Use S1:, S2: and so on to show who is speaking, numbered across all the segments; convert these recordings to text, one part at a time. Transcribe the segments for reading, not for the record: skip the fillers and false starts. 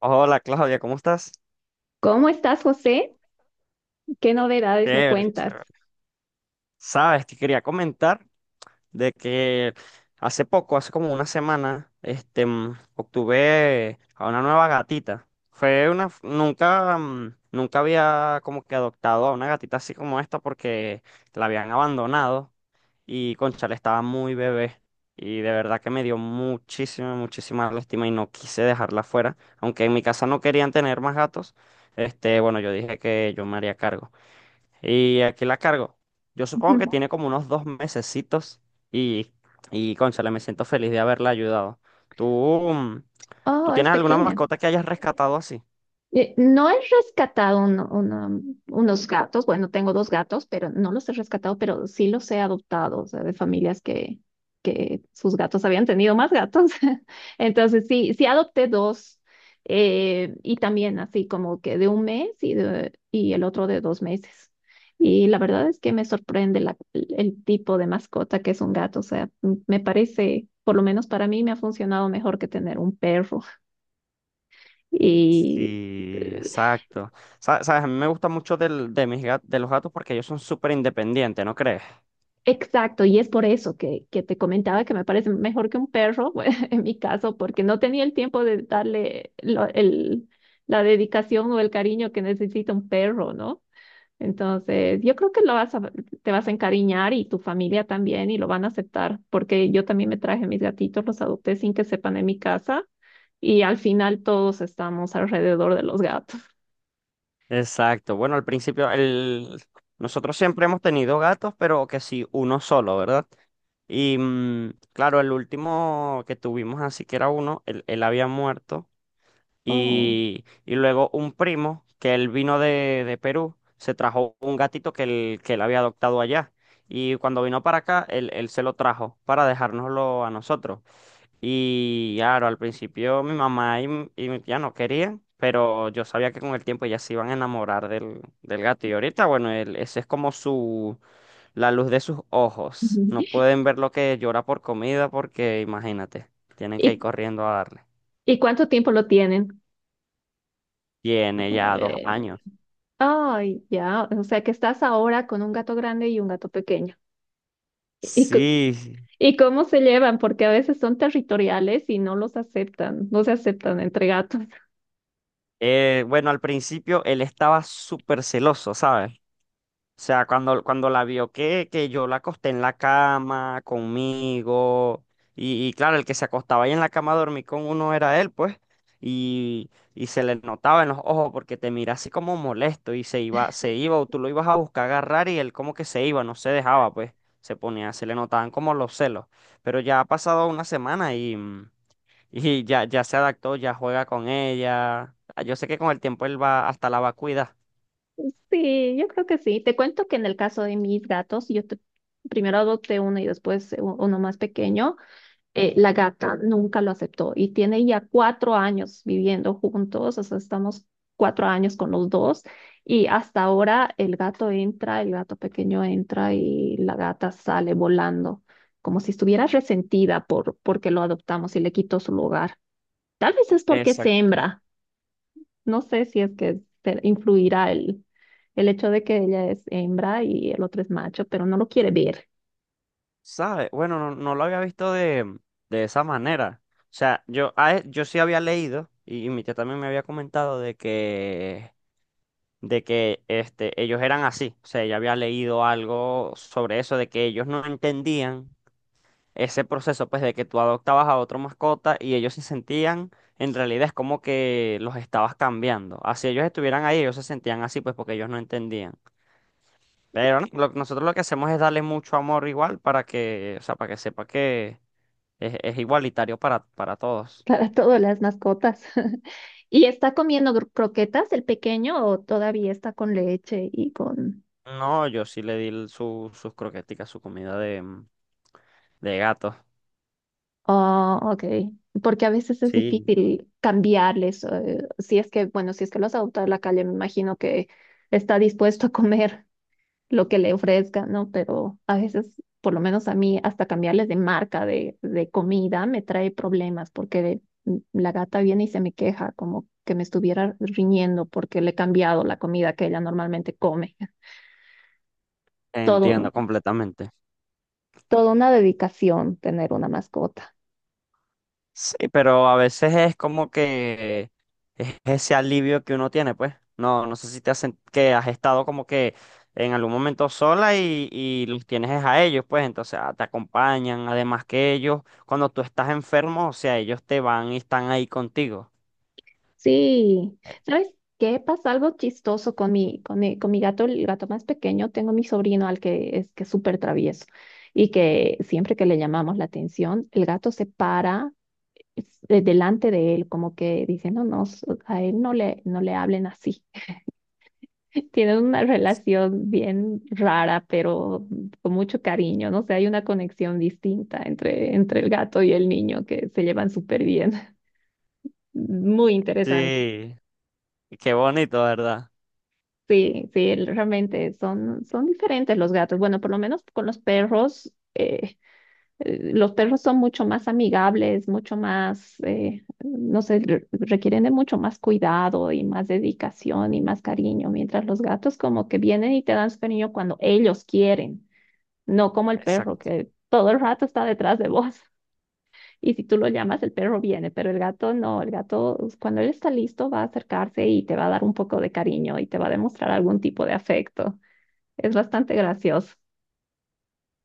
S1: Hola Claudia, ¿cómo estás?
S2: ¿Cómo estás, José? ¿Qué novedades me
S1: Chévere,
S2: cuentas?
S1: chévere. Sabes, te quería comentar de que hace poco, hace como una semana, obtuve a una nueva gatita. Nunca, nunca había como que adoptado a una gatita así como esta porque la habían abandonado y cónchale, estaba muy bebé y de verdad que me dio muchísima, muchísima lástima y no quise dejarla fuera, aunque en mi casa no querían tener más gatos, bueno, yo dije que yo me haría cargo. Y aquí la cargo. Yo supongo que tiene como unos dos mesecitos y, y cónchale, me siento feliz de haberla ayudado. ¿Tú, mm, tú
S2: Oh, es
S1: tienes alguna
S2: pequeña.
S1: mascota que hayas rescatado así?
S2: No he rescatado unos gatos, bueno, tengo dos gatos, pero no los he rescatado, pero sí los he adoptado, o sea, de familias que sus gatos habían tenido más gatos. Entonces, sí adopté dos, y también así como que de un mes y, y el otro de dos meses. Y la verdad es que me sorprende el tipo de mascota que es un gato, o sea, me parece, por lo menos para mí, me ha funcionado mejor que tener un perro. Y
S1: Sí,
S2: eh,
S1: exacto. Sabes, a mí me gusta mucho de de los gatos porque ellos son súper independientes, ¿no crees?
S2: Exacto, y es por eso que te comentaba que me parece mejor que un perro, en mi caso, porque no tenía el tiempo de darle el, la dedicación o el cariño que necesita un perro, ¿no? Entonces, yo creo que te vas a encariñar y tu familia también y lo van a aceptar, porque yo también me traje mis gatitos, los adopté sin que sepan en mi casa y al final todos estamos alrededor de los gatos.
S1: Exacto. Bueno, al principio, nosotros siempre hemos tenido gatos, pero que sí, uno solo, ¿verdad? Y claro, el último que tuvimos así que era uno, él había muerto.
S2: Oh.
S1: Y luego un primo, que él vino de Perú, se trajo un gatito que él había adoptado allá. Y cuando vino para acá, él se lo trajo para dejárnoslo a nosotros. Y claro, al principio mi mamá y mi tía no querían, pero yo sabía que con el tiempo ellas se iban a enamorar del gato. Y ahorita, bueno, ese es como su, la luz de sus ojos.
S2: Ujú.
S1: No pueden ver lo que llora por comida porque, imagínate, tienen que ir
S2: ¿Y,
S1: corriendo a darle.
S2: y, ¿cuánto tiempo lo tienen?
S1: Tiene ya dos
S2: Eh,
S1: años.
S2: Ay, ya, o sea que estás ahora con un gato grande y un gato pequeño. ¿Y, co-
S1: Sí,
S2: ¿Y cómo se llevan? Porque a veces son territoriales y no los aceptan, no se aceptan entre gatos.
S1: bueno, al principio él estaba súper celoso, ¿sabes? O sea, cuando la vio que yo la acosté en la cama conmigo, y claro, el que se acostaba ahí en la cama a dormir con uno era él, pues, y se le notaba en los ojos porque te mira así como molesto y se iba o tú lo ibas a buscar agarrar y él como que se iba, no se dejaba, pues, se ponía, se le notaban como los celos. Pero ya ha pasado una semana y y ya, ya se adaptó, ya juega con ella. Ah, yo sé que con el tiempo él va hasta la va a cuidar.
S2: Sí, yo creo que sí. Te cuento que en el caso de mis gatos, primero adopté uno y después uno más pequeño. La gata nunca lo aceptó y tiene ya cuatro años viviendo juntos, o sea, estamos cuatro años con los dos y hasta ahora el gato entra, el gato pequeño entra y la gata sale volando, como si estuviera resentida porque lo adoptamos y le quitó su lugar. Tal vez es porque es
S1: Exacto.
S2: hembra, no sé si es que influirá el hecho de que ella es hembra y el otro es macho, pero no lo quiere ver.
S1: ¿Sabe? Bueno, no, no lo había visto de esa manera. O sea, yo sí había leído, y mi tía también me había comentado de que ellos eran así. O sea, ella había leído algo sobre eso, de que ellos no entendían ese proceso, pues, de que tú adoptabas a otra mascota y ellos se sentían, en realidad es como que los estabas cambiando. Así ellos estuvieran ahí, ellos se sentían así, pues, porque ellos no entendían. Pero no, nosotros lo que hacemos es darle mucho amor igual para que, o sea, para que sepa que es igualitario para todos.
S2: Para todas las mascotas. ¿Y está comiendo croquetas el pequeño o todavía está con leche y con...
S1: No, yo sí le di su, sus croqueticas, su comida de gato.
S2: Oh, ok. Porque a veces es
S1: Sí.
S2: difícil cambiarles. Si es que, bueno, si es que los adopta a la calle, me imagino que está dispuesto a comer lo que le ofrezcan, ¿no? Pero a veces, por lo menos a mí, hasta cambiarles de marca de comida me trae problemas porque la gata viene y se me queja como que me estuviera riñendo porque le he cambiado la comida que ella normalmente come. Todo,
S1: Entiendo completamente.
S2: Toda una dedicación tener una mascota.
S1: Sí, pero a veces es como que es ese alivio que uno tiene, pues. No, no sé si te hacen que has estado como que en algún momento sola y los tienes es a ellos, pues. Entonces ah, te acompañan, además que ellos, cuando tú estás enfermo, o sea, ellos te van y están ahí contigo.
S2: Sí,
S1: Eh,
S2: ¿sabes qué? Pasa algo chistoso con mi gato, el gato más pequeño. Tengo mi sobrino al que es súper travieso y que siempre que le llamamos la atención, el gato se para delante de él, como que diciendo, no, a él no le, no le hablen así. Tienen una relación bien rara, pero con mucho cariño, no sé, hay una conexión distinta entre, entre el gato y el niño que se llevan súper bien. Muy interesante.
S1: Sí, y qué bonito, ¿verdad?
S2: Sí, sí, realmente son, son diferentes los gatos. Bueno, por lo menos con los perros son mucho más amigables, mucho más, no sé, requieren de mucho más cuidado y más dedicación y más cariño, mientras los gatos como que vienen y te dan su cariño cuando ellos quieren, no como el perro
S1: Exacto.
S2: que todo el rato está detrás de vos. Y si tú lo llamas, el perro viene, pero el gato no, el gato cuando él está listo va a acercarse y te va a dar un poco de cariño y te va a demostrar algún tipo de afecto. Es bastante gracioso.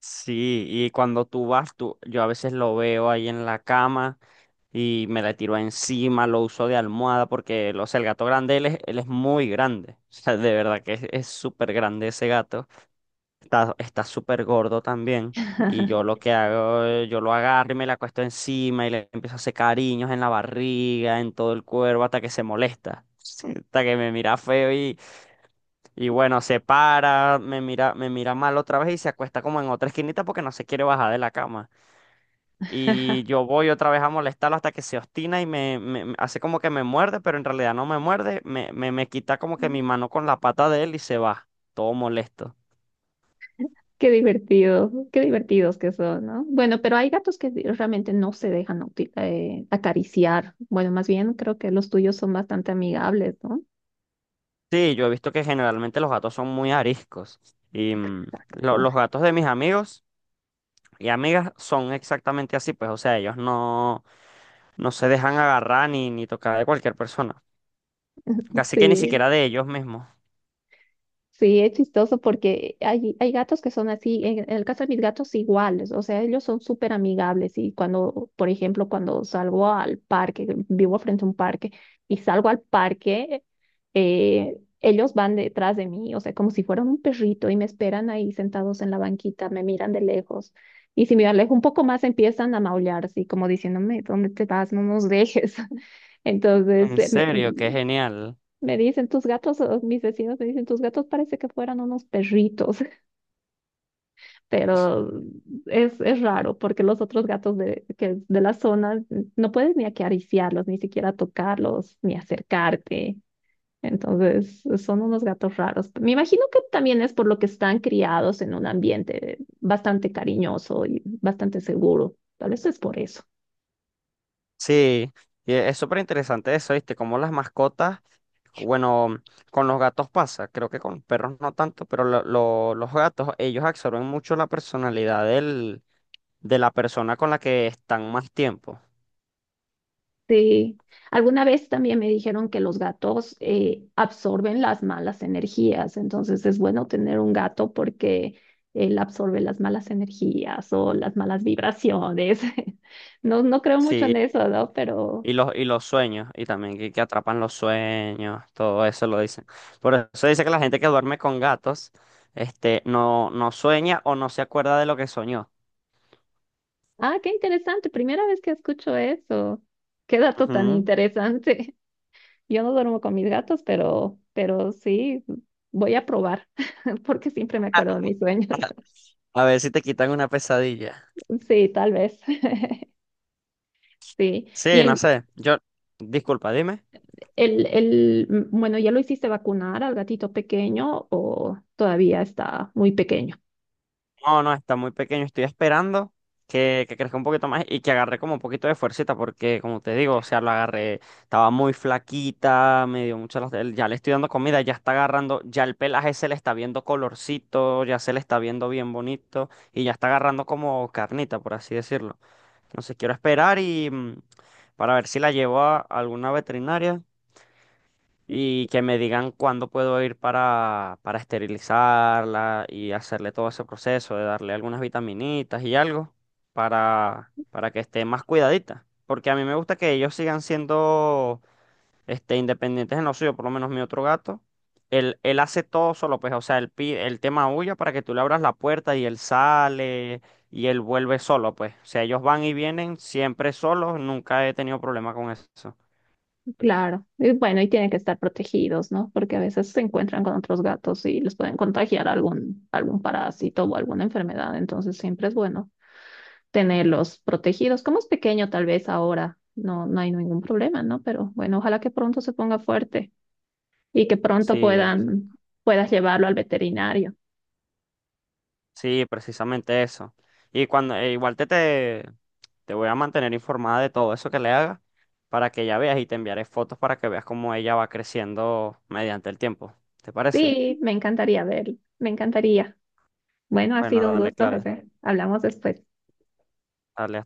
S1: Sí, y cuando tú vas, tú, yo a veces lo veo ahí en la cama, y me la tiró encima, lo usó de almohada porque, o sea, el gato grande, él es muy grande. O sea, de verdad que es súper grande ese gato. Está, está súper gordo también. Y yo lo que hago, yo lo agarro y me la acuesto encima y le empiezo a hacer cariños en la barriga, en todo el cuerpo, hasta que se molesta. Hasta que me mira feo y bueno, se para, me mira mal otra vez y se acuesta como en otra esquinita porque no se quiere bajar de la cama. Y yo voy otra vez a molestarlo hasta que se obstina y me hace como que me muerde, pero en realidad no me muerde, me quita como que mi mano con la pata de él y se va, todo molesto.
S2: Qué divertido, qué divertidos que son, ¿no? Bueno, pero hay gatos que realmente no se dejan acariciar. Bueno, más bien creo que los tuyos son bastante amigables, ¿no?
S1: Sí, yo he visto que generalmente los gatos son muy ariscos y los
S2: Exacto.
S1: gatos de mis amigos y amigas son exactamente así, pues, o sea, ellos no, no se dejan agarrar ni, ni tocar de cualquier persona, casi que ni
S2: Sí.
S1: siquiera de ellos mismos.
S2: Sí, es chistoso porque hay gatos que son así, en el caso de mis gatos iguales, o sea, ellos son súper amigables y cuando, por ejemplo, cuando salgo al parque, vivo frente a un parque y salgo al parque, ellos van detrás de mí, o sea, como si fueran un perrito y me esperan ahí sentados en la banquita, me miran de lejos y si me alejo un poco más empiezan a maullar, así como diciéndome, ¿dónde te vas? No nos dejes. Entonces,
S1: En serio, qué genial.
S2: me dicen tus gatos, o mis vecinos me dicen tus gatos parece que fueran unos perritos, pero es raro porque los otros gatos de la zona no puedes ni acariciarlos, ni siquiera tocarlos, ni acercarte. Entonces son unos gatos raros. Me imagino que también es por lo que están criados en un ambiente bastante cariñoso y bastante seguro. Tal vez es por eso.
S1: Sí, y es súper interesante eso, ¿viste? Como las mascotas, bueno, con los gatos pasa, creo que con los perros no tanto, pero los gatos, ellos absorben mucho la personalidad de la persona con la que están más tiempo.
S2: Sí. Alguna vez también me dijeron que los gatos absorben las malas energías, entonces es bueno tener un gato porque él absorbe las malas energías o las malas vibraciones. No, no creo mucho
S1: Sí,
S2: en eso, ¿no? Pero,
S1: y los sueños, y también que atrapan los sueños, todo eso lo dicen. Por eso dice que la gente que duerme con gatos, no, no sueña o no se acuerda de lo que soñó.
S2: ah, qué interesante, primera vez que escucho eso. Qué dato tan
S1: Ujú.
S2: interesante. Yo no duermo con mis gatos, pero sí, voy a probar porque siempre me acuerdo de mis sueños.
S1: A ver si te quitan una pesadilla.
S2: Sí, tal vez. Sí.
S1: Sí, no sé. Yo, disculpa, dime.
S2: El, bueno, ¿ya lo hiciste vacunar al gatito pequeño o todavía está muy pequeño?
S1: No, no, está muy pequeño. Estoy esperando que crezca un poquito más y que agarre como un poquito de fuercita, porque como te digo, o sea, lo agarré, estaba muy flaquita, me dio mucho las... Ya le estoy dando comida, ya está agarrando, ya el pelaje se le está viendo colorcito, ya se le está viendo bien bonito y ya está agarrando como carnita, por así decirlo. Entonces quiero esperar y para ver si la llevo a alguna veterinaria y que me digan cuándo puedo ir para esterilizarla y hacerle todo ese proceso de darle algunas vitaminitas y algo para que esté más cuidadita. Porque a mí me gusta que ellos sigan siendo independientes en lo suyo, por lo menos mi otro gato. Él hace todo solo, pues, o sea, él te maulla para que tú le abras la puerta y él sale y él vuelve solo, pues. O sea, ellos van y vienen siempre solos, nunca he tenido problema con eso.
S2: Claro. Y bueno, y tienen que estar protegidos, ¿no? Porque a veces se encuentran con otros gatos y les pueden contagiar algún, algún parásito o alguna enfermedad. Entonces siempre es bueno tenerlos protegidos. Como es pequeño, tal vez ahora no, no hay ningún problema, ¿no? Pero bueno, ojalá que pronto se ponga fuerte y que pronto
S1: Sí,
S2: puedas llevarlo al veterinario.
S1: sí, precisamente eso. Y cuando e igual te te voy a mantener informada de todo eso que le haga para que ya veas y te enviaré fotos para que veas cómo ella va creciendo mediante el tiempo. ¿Te parece?
S2: Sí, me encantaría verlo. Me encantaría. Bueno, ha
S1: Bueno,
S2: sido un
S1: dale,
S2: gusto,
S1: Claudia.
S2: José. Hablamos después.
S1: Dale.